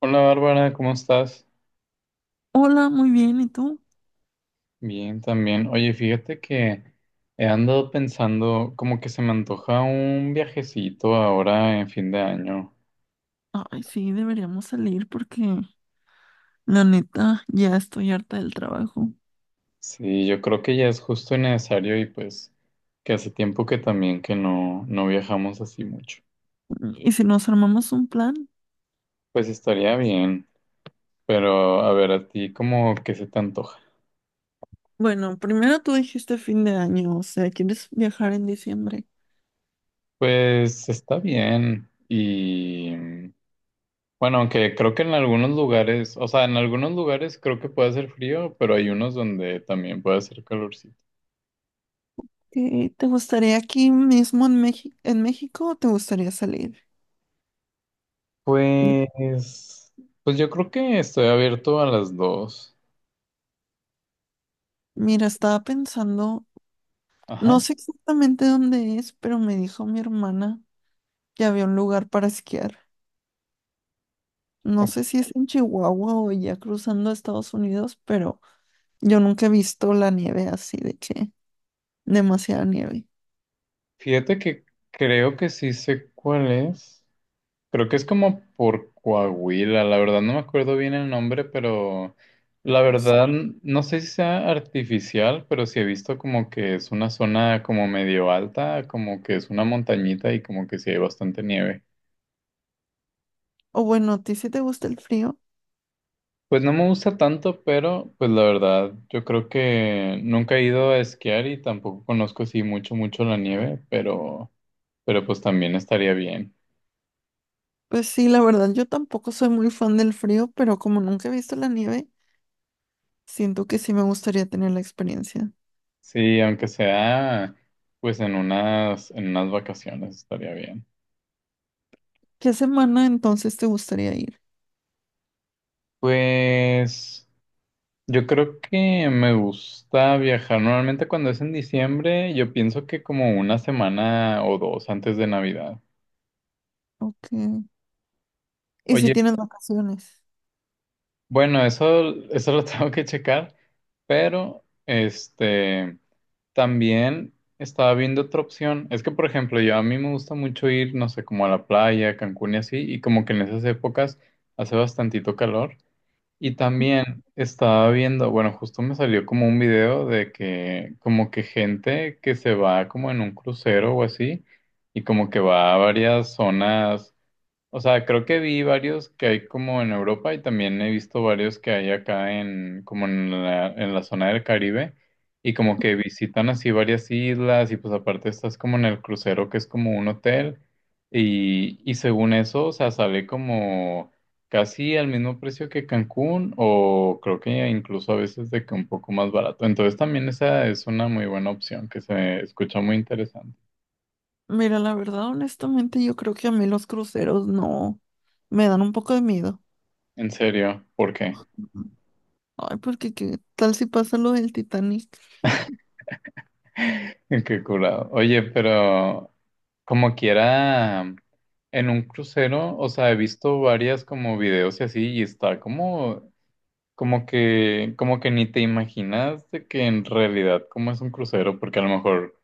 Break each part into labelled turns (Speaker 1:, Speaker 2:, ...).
Speaker 1: Hola Bárbara, ¿cómo estás?
Speaker 2: Hola, muy bien, ¿y tú?
Speaker 1: Bien, también. Oye, fíjate que he andado pensando como que se me antoja un viajecito ahora en fin de año.
Speaker 2: Ay, sí, deberíamos salir porque la neta ya estoy harta del trabajo.
Speaker 1: Sí, yo creo que ya es justo y necesario y pues que hace tiempo que también que no viajamos así mucho.
Speaker 2: ¿Y si nos armamos un plan?
Speaker 1: Pues estaría bien, pero a ver, a ti como que se te antoja.
Speaker 2: Bueno, primero tú dijiste fin de año, o sea, ¿quieres viajar en diciembre?
Speaker 1: Pues está bien y bueno, aunque creo que en algunos lugares, o sea, en algunos lugares creo que puede hacer frío, pero hay unos donde también puede hacer calorcito.
Speaker 2: ¿Te gustaría aquí mismo en México o te gustaría salir? N-
Speaker 1: Pues, pues, yo creo que estoy abierto a las dos.
Speaker 2: Mira, estaba pensando, no
Speaker 1: Ajá.
Speaker 2: sé exactamente dónde es, pero me dijo mi hermana que había un lugar para esquiar.
Speaker 1: O-
Speaker 2: No sé si es en Chihuahua o ya cruzando a Estados Unidos, pero yo nunca he visto la nieve así de que demasiada nieve.
Speaker 1: Fíjate que creo que sí sé cuál es. Creo que es como por Coahuila, la verdad no me acuerdo bien el nombre, pero la
Speaker 2: O s-
Speaker 1: verdad no sé si sea artificial, pero sí he visto como que es una zona como medio alta, como que es una montañita y como que sí hay bastante nieve.
Speaker 2: o bueno, ¿a ti sí te gusta el frío?
Speaker 1: Pues no me gusta tanto, pero pues la verdad yo creo que nunca he ido a esquiar y tampoco conozco así mucho, mucho la nieve, pero pues también estaría bien.
Speaker 2: Pues sí, la verdad, yo tampoco soy muy fan del frío, pero como nunca he visto la nieve, siento que sí me gustaría tener la experiencia.
Speaker 1: Sí, aunque sea pues en unas vacaciones estaría bien.
Speaker 2: ¿Qué semana entonces te gustaría ir?
Speaker 1: Pues yo creo que me gusta viajar. Normalmente cuando es en diciembre, yo pienso que como una semana o dos antes de Navidad.
Speaker 2: Ok. ¿Y si
Speaker 1: Oye,
Speaker 2: tienes vacaciones?
Speaker 1: bueno, eso lo tengo que checar, pero este también estaba viendo otra opción. Es que, por ejemplo, yo a mí me gusta mucho ir, no sé, como a la playa, Cancún y así, y como que en esas épocas hace bastantito calor. Y también estaba viendo, bueno, justo me salió como un video de que como que gente que se va como en un crucero o así y como que va a varias zonas, o sea, creo que vi varios que hay como en Europa y también he visto varios que hay acá en como en la zona del Caribe y como que visitan así varias islas y pues aparte estás como en el crucero que es como un hotel y según eso, o sea, sale como casi al mismo precio que Cancún o creo que incluso a veces de que un poco más barato. Entonces también esa es una muy buena opción que se escucha muy interesante.
Speaker 2: Mira, la verdad, honestamente, yo creo que a mí los cruceros no me dan un poco de miedo.
Speaker 1: En serio, ¿por qué?
Speaker 2: Ujú. Ay, porque qué tal si pasa lo del Titanic.
Speaker 1: Qué curado. Oye, pero como quiera, en un crucero, o sea, he visto varias como videos y así, y está como que ni te imaginas de que en realidad cómo es un crucero, porque a lo mejor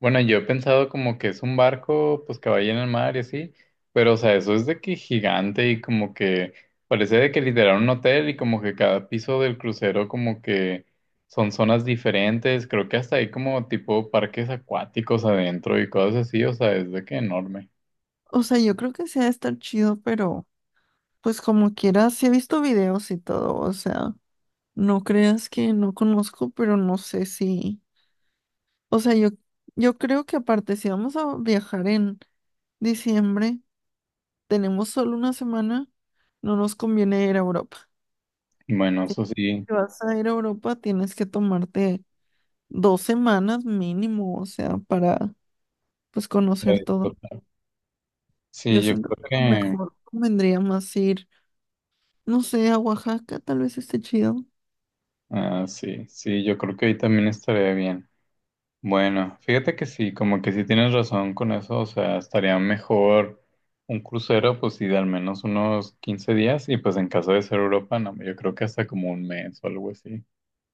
Speaker 1: bueno, yo he pensado como que es un barco, pues que vaya en el mar y así, pero o sea, eso es de que gigante y como que parece de que literal un hotel y como que cada piso del crucero como que son zonas diferentes, creo que hasta hay como tipo parques acuáticos adentro y cosas así, o sea, es de que enorme.
Speaker 2: O sea, yo creo que sí ha de estar chido, pero pues como quieras, sí he visto videos y todo, o sea, no creas que no conozco, pero no sé si, o sea, yo creo que aparte, si vamos a viajar en diciembre, tenemos solo una semana, no nos conviene ir a Europa.
Speaker 1: Bueno, eso sí,
Speaker 2: Si vas a ir a Europa, tienes que tomarte dos semanas mínimo, o sea, para, pues,
Speaker 1: lo
Speaker 2: conocer todo.
Speaker 1: disfruto. Sí,
Speaker 2: Yo
Speaker 1: yo
Speaker 2: siento
Speaker 1: creo
Speaker 2: que a lo
Speaker 1: que,
Speaker 2: mejor convendría más ir, no sé, a Oaxaca, tal vez esté chido.
Speaker 1: ah, sí, sí, yo creo que ahí también estaría bien. Bueno, fíjate que sí, como que sí tienes razón con eso, o sea, estaría mejor un crucero, pues sí, de al menos unos 15 días, y pues en caso de ser Europa, no, yo creo que hasta como un mes o algo así.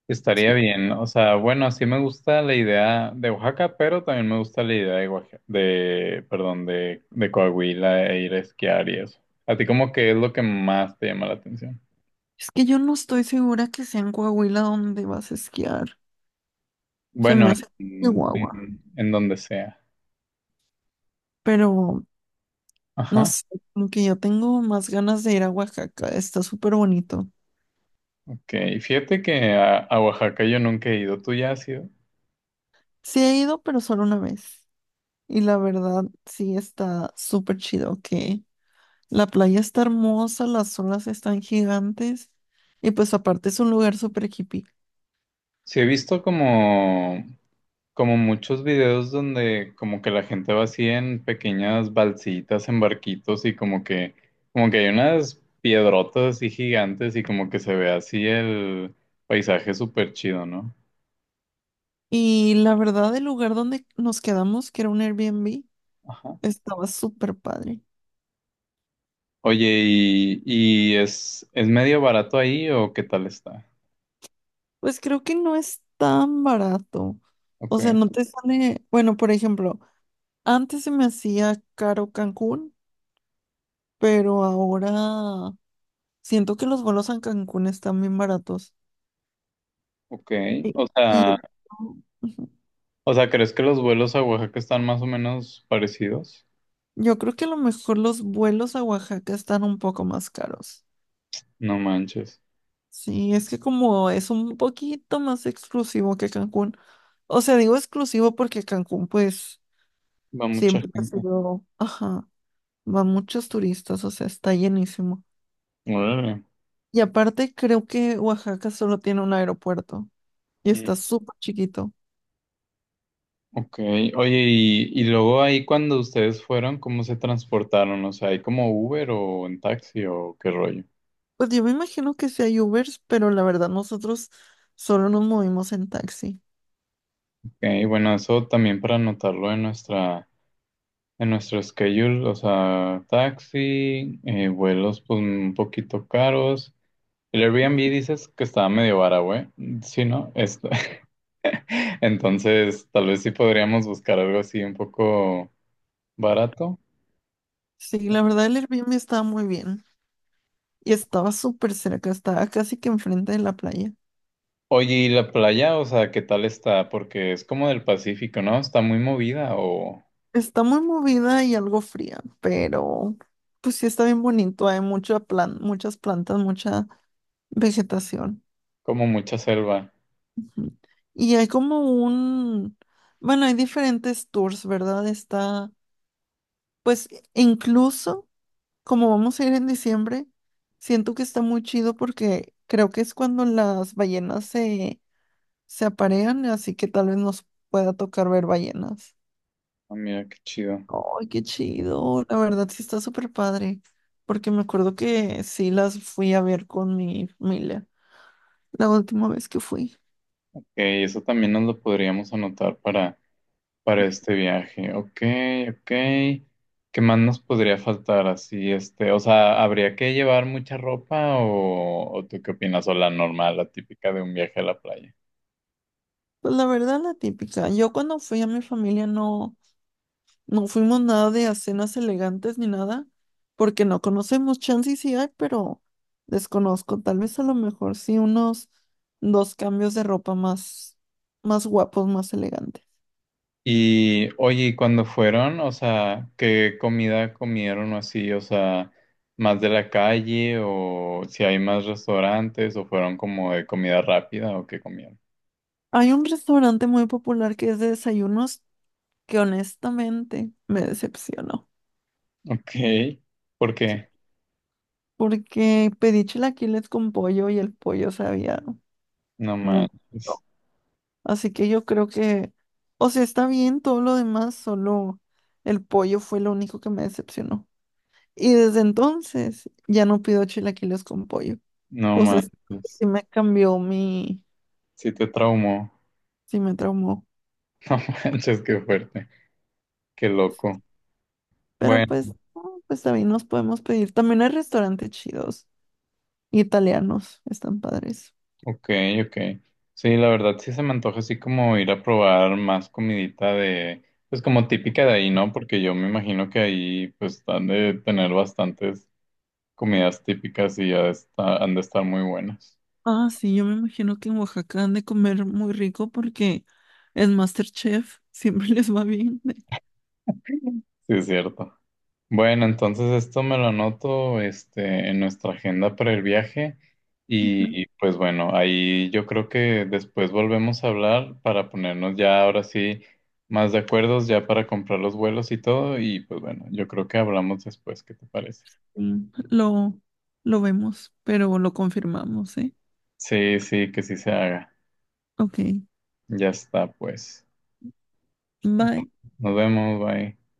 Speaker 1: Estaría bien, o sea, bueno, sí me gusta la idea de Oaxaca, pero también me gusta la idea de, de, perdón, de Coahuila e ir a esquiar y eso. ¿A ti como que es lo que más te llama la atención?
Speaker 2: Es que yo no estoy segura que sea en Coahuila donde vas a esquiar. Se me
Speaker 1: Bueno,
Speaker 2: hace
Speaker 1: en,
Speaker 2: Chihuahua.
Speaker 1: en en donde sea.
Speaker 2: Pero no
Speaker 1: Ajá.
Speaker 2: sé, como que yo tengo más ganas de ir a Oaxaca. Está súper bonito.
Speaker 1: Ok, fíjate que a Oaxaca yo nunca he ido, ¿tú ya has ido?
Speaker 2: Sí he ido, pero solo una vez. Y la verdad, sí está súper chido, que la playa está hermosa, las olas están gigantes. Y pues aparte es un lugar súper hippie.
Speaker 1: Sí he visto como muchos videos donde como que la gente va así en pequeñas balsitas, en barquitos y como que hay unas piedrotas así gigantes y como que se ve así el paisaje súper chido, ¿no?
Speaker 2: Y la verdad, el lugar donde nos quedamos, que era un Airbnb,
Speaker 1: Ajá.
Speaker 2: estaba súper padre.
Speaker 1: Oye, ¿y es medio barato ahí o qué tal está?
Speaker 2: Pues creo que no es tan barato. O
Speaker 1: Ok,
Speaker 2: sea, no te sale, bueno, por ejemplo, antes se me hacía caro Cancún, pero ahora siento que los vuelos a Cancún están bien baratos.
Speaker 1: ok.
Speaker 2: Y,
Speaker 1: O
Speaker 2: y yo,
Speaker 1: sea,
Speaker 2: Ujú.
Speaker 1: o sea, ¿crees que los vuelos a Oaxaca están más o menos parecidos?
Speaker 2: Yo creo que a lo mejor los vuelos a Oaxaca están un poco más caros.
Speaker 1: No manches,
Speaker 2: Sí, es que como es un poquito más exclusivo que Cancún. O sea, digo exclusivo porque Cancún, pues,
Speaker 1: va mucha
Speaker 2: siempre ha
Speaker 1: gente.
Speaker 2: sido, ajá. Van muchos turistas, o sea, está llenísimo.
Speaker 1: Órale.
Speaker 2: Y aparte creo que Oaxaca solo tiene un aeropuerto y
Speaker 1: Mm,
Speaker 2: está súper chiquito.
Speaker 1: ok, oye, y luego ahí cuando ustedes fueron, ¿cómo se transportaron? O sea, ¿hay como Uber o en taxi o qué rollo?
Speaker 2: Pues yo me imagino que sí hay Ubers, pero la verdad nosotros solo nos movimos en taxi.
Speaker 1: Ok, bueno, eso también para anotarlo en nuestro schedule, o sea, taxi, vuelos pues un poquito caros. El Airbnb dices que estaba medio vara, güey. Sí, ¿no? Entonces, tal vez sí podríamos buscar algo así un poco barato.
Speaker 2: Sí, la verdad el Airbnb estaba muy bien y estaba súper cerca, estaba casi que enfrente de la playa.
Speaker 1: Oye, ¿y la playa? O sea, ¿qué tal está? Porque es como del Pacífico, ¿no? ¿Está muy movida o
Speaker 2: Está muy movida y algo fría, pero pues sí está bien bonito, hay mucha plan, muchas plantas, mucha vegetación.
Speaker 1: como mucha selva?
Speaker 2: Y hay como un, bueno, hay diferentes tours, ¿verdad? Está, pues e, incluso como vamos a ir en diciembre, siento que está muy chido porque creo que es cuando las ballenas se, se aparean, así que tal vez nos pueda tocar ver ballenas.
Speaker 1: Ah, mira, qué chido.
Speaker 2: ¡Ay, qué chido! La verdad sí está súper padre, porque me acuerdo que sí las fui a ver con mi familia la última vez que fui.
Speaker 1: Ok, eso también nos lo podríamos anotar para este viaje. Ok, ok. ¿Qué más nos podría faltar así? Este, o sea, ¿habría que llevar mucha ropa o tú qué opinas? O la normal, la típica de un viaje a la playa.
Speaker 2: Pues la verdad, la típica. Yo cuando fui a mi familia no... No fuimos nada de a cenas elegantes ni nada, porque no conocemos. Chance y sí hay, pero desconozco. Tal vez a lo mejor sí unos dos cambios de ropa más, más guapos, más elegantes.
Speaker 1: Y oye, ¿y cuándo fueron? O sea, ¿qué comida comieron o así? O sea, ¿más de la calle o si hay más restaurantes o fueron como de comida rápida o qué comieron?
Speaker 2: Hay un restaurante muy popular que es de desayunos que honestamente me decepcionó,
Speaker 1: Ok, ¿por qué?
Speaker 2: porque pedí chilaquiles con pollo y el pollo sabía
Speaker 1: No
Speaker 2: muy... rico.
Speaker 1: manches,
Speaker 2: Así que yo creo que, o sea, está bien todo lo demás, solo el pollo fue lo único que me decepcionó. Y desde entonces ya no pido chilaquiles con pollo.
Speaker 1: no
Speaker 2: O sea,
Speaker 1: manches.
Speaker 2: sí me cambió mi,
Speaker 1: Si te traumó.
Speaker 2: sí me traumó.
Speaker 1: No manches, qué fuerte, qué loco.
Speaker 2: Pero
Speaker 1: Bueno.
Speaker 2: pues, no, pues también nos podemos pedir. También hay restaurantes chidos, italianos, están padres.
Speaker 1: Ok, ok. Sí, la verdad sí se me antoja así como ir a probar más comidita de, pues como típica de ahí, ¿no? Porque yo me imagino que ahí pues han de tener bastantes comidas típicas y han de estar muy buenas.
Speaker 2: Ah, sí, yo me imagino que en Oaxaca han de comer muy rico porque en MasterChef siempre les va bien.
Speaker 1: Sí, es cierto. Bueno, entonces esto me lo anoto, este, en nuestra agenda para el viaje y pues bueno, ahí yo creo que después volvemos a hablar para ponernos ya ahora sí más de acuerdos ya para comprar los vuelos y todo y pues bueno, yo creo que hablamos después, ¿qué te parece?
Speaker 2: Sí, lo vemos, pero lo confirmamos, ¿eh?
Speaker 1: Sí, sí, que sí se haga.
Speaker 2: Ok,
Speaker 1: Ya está, pues.
Speaker 2: bye.
Speaker 1: Nos vemos, bye.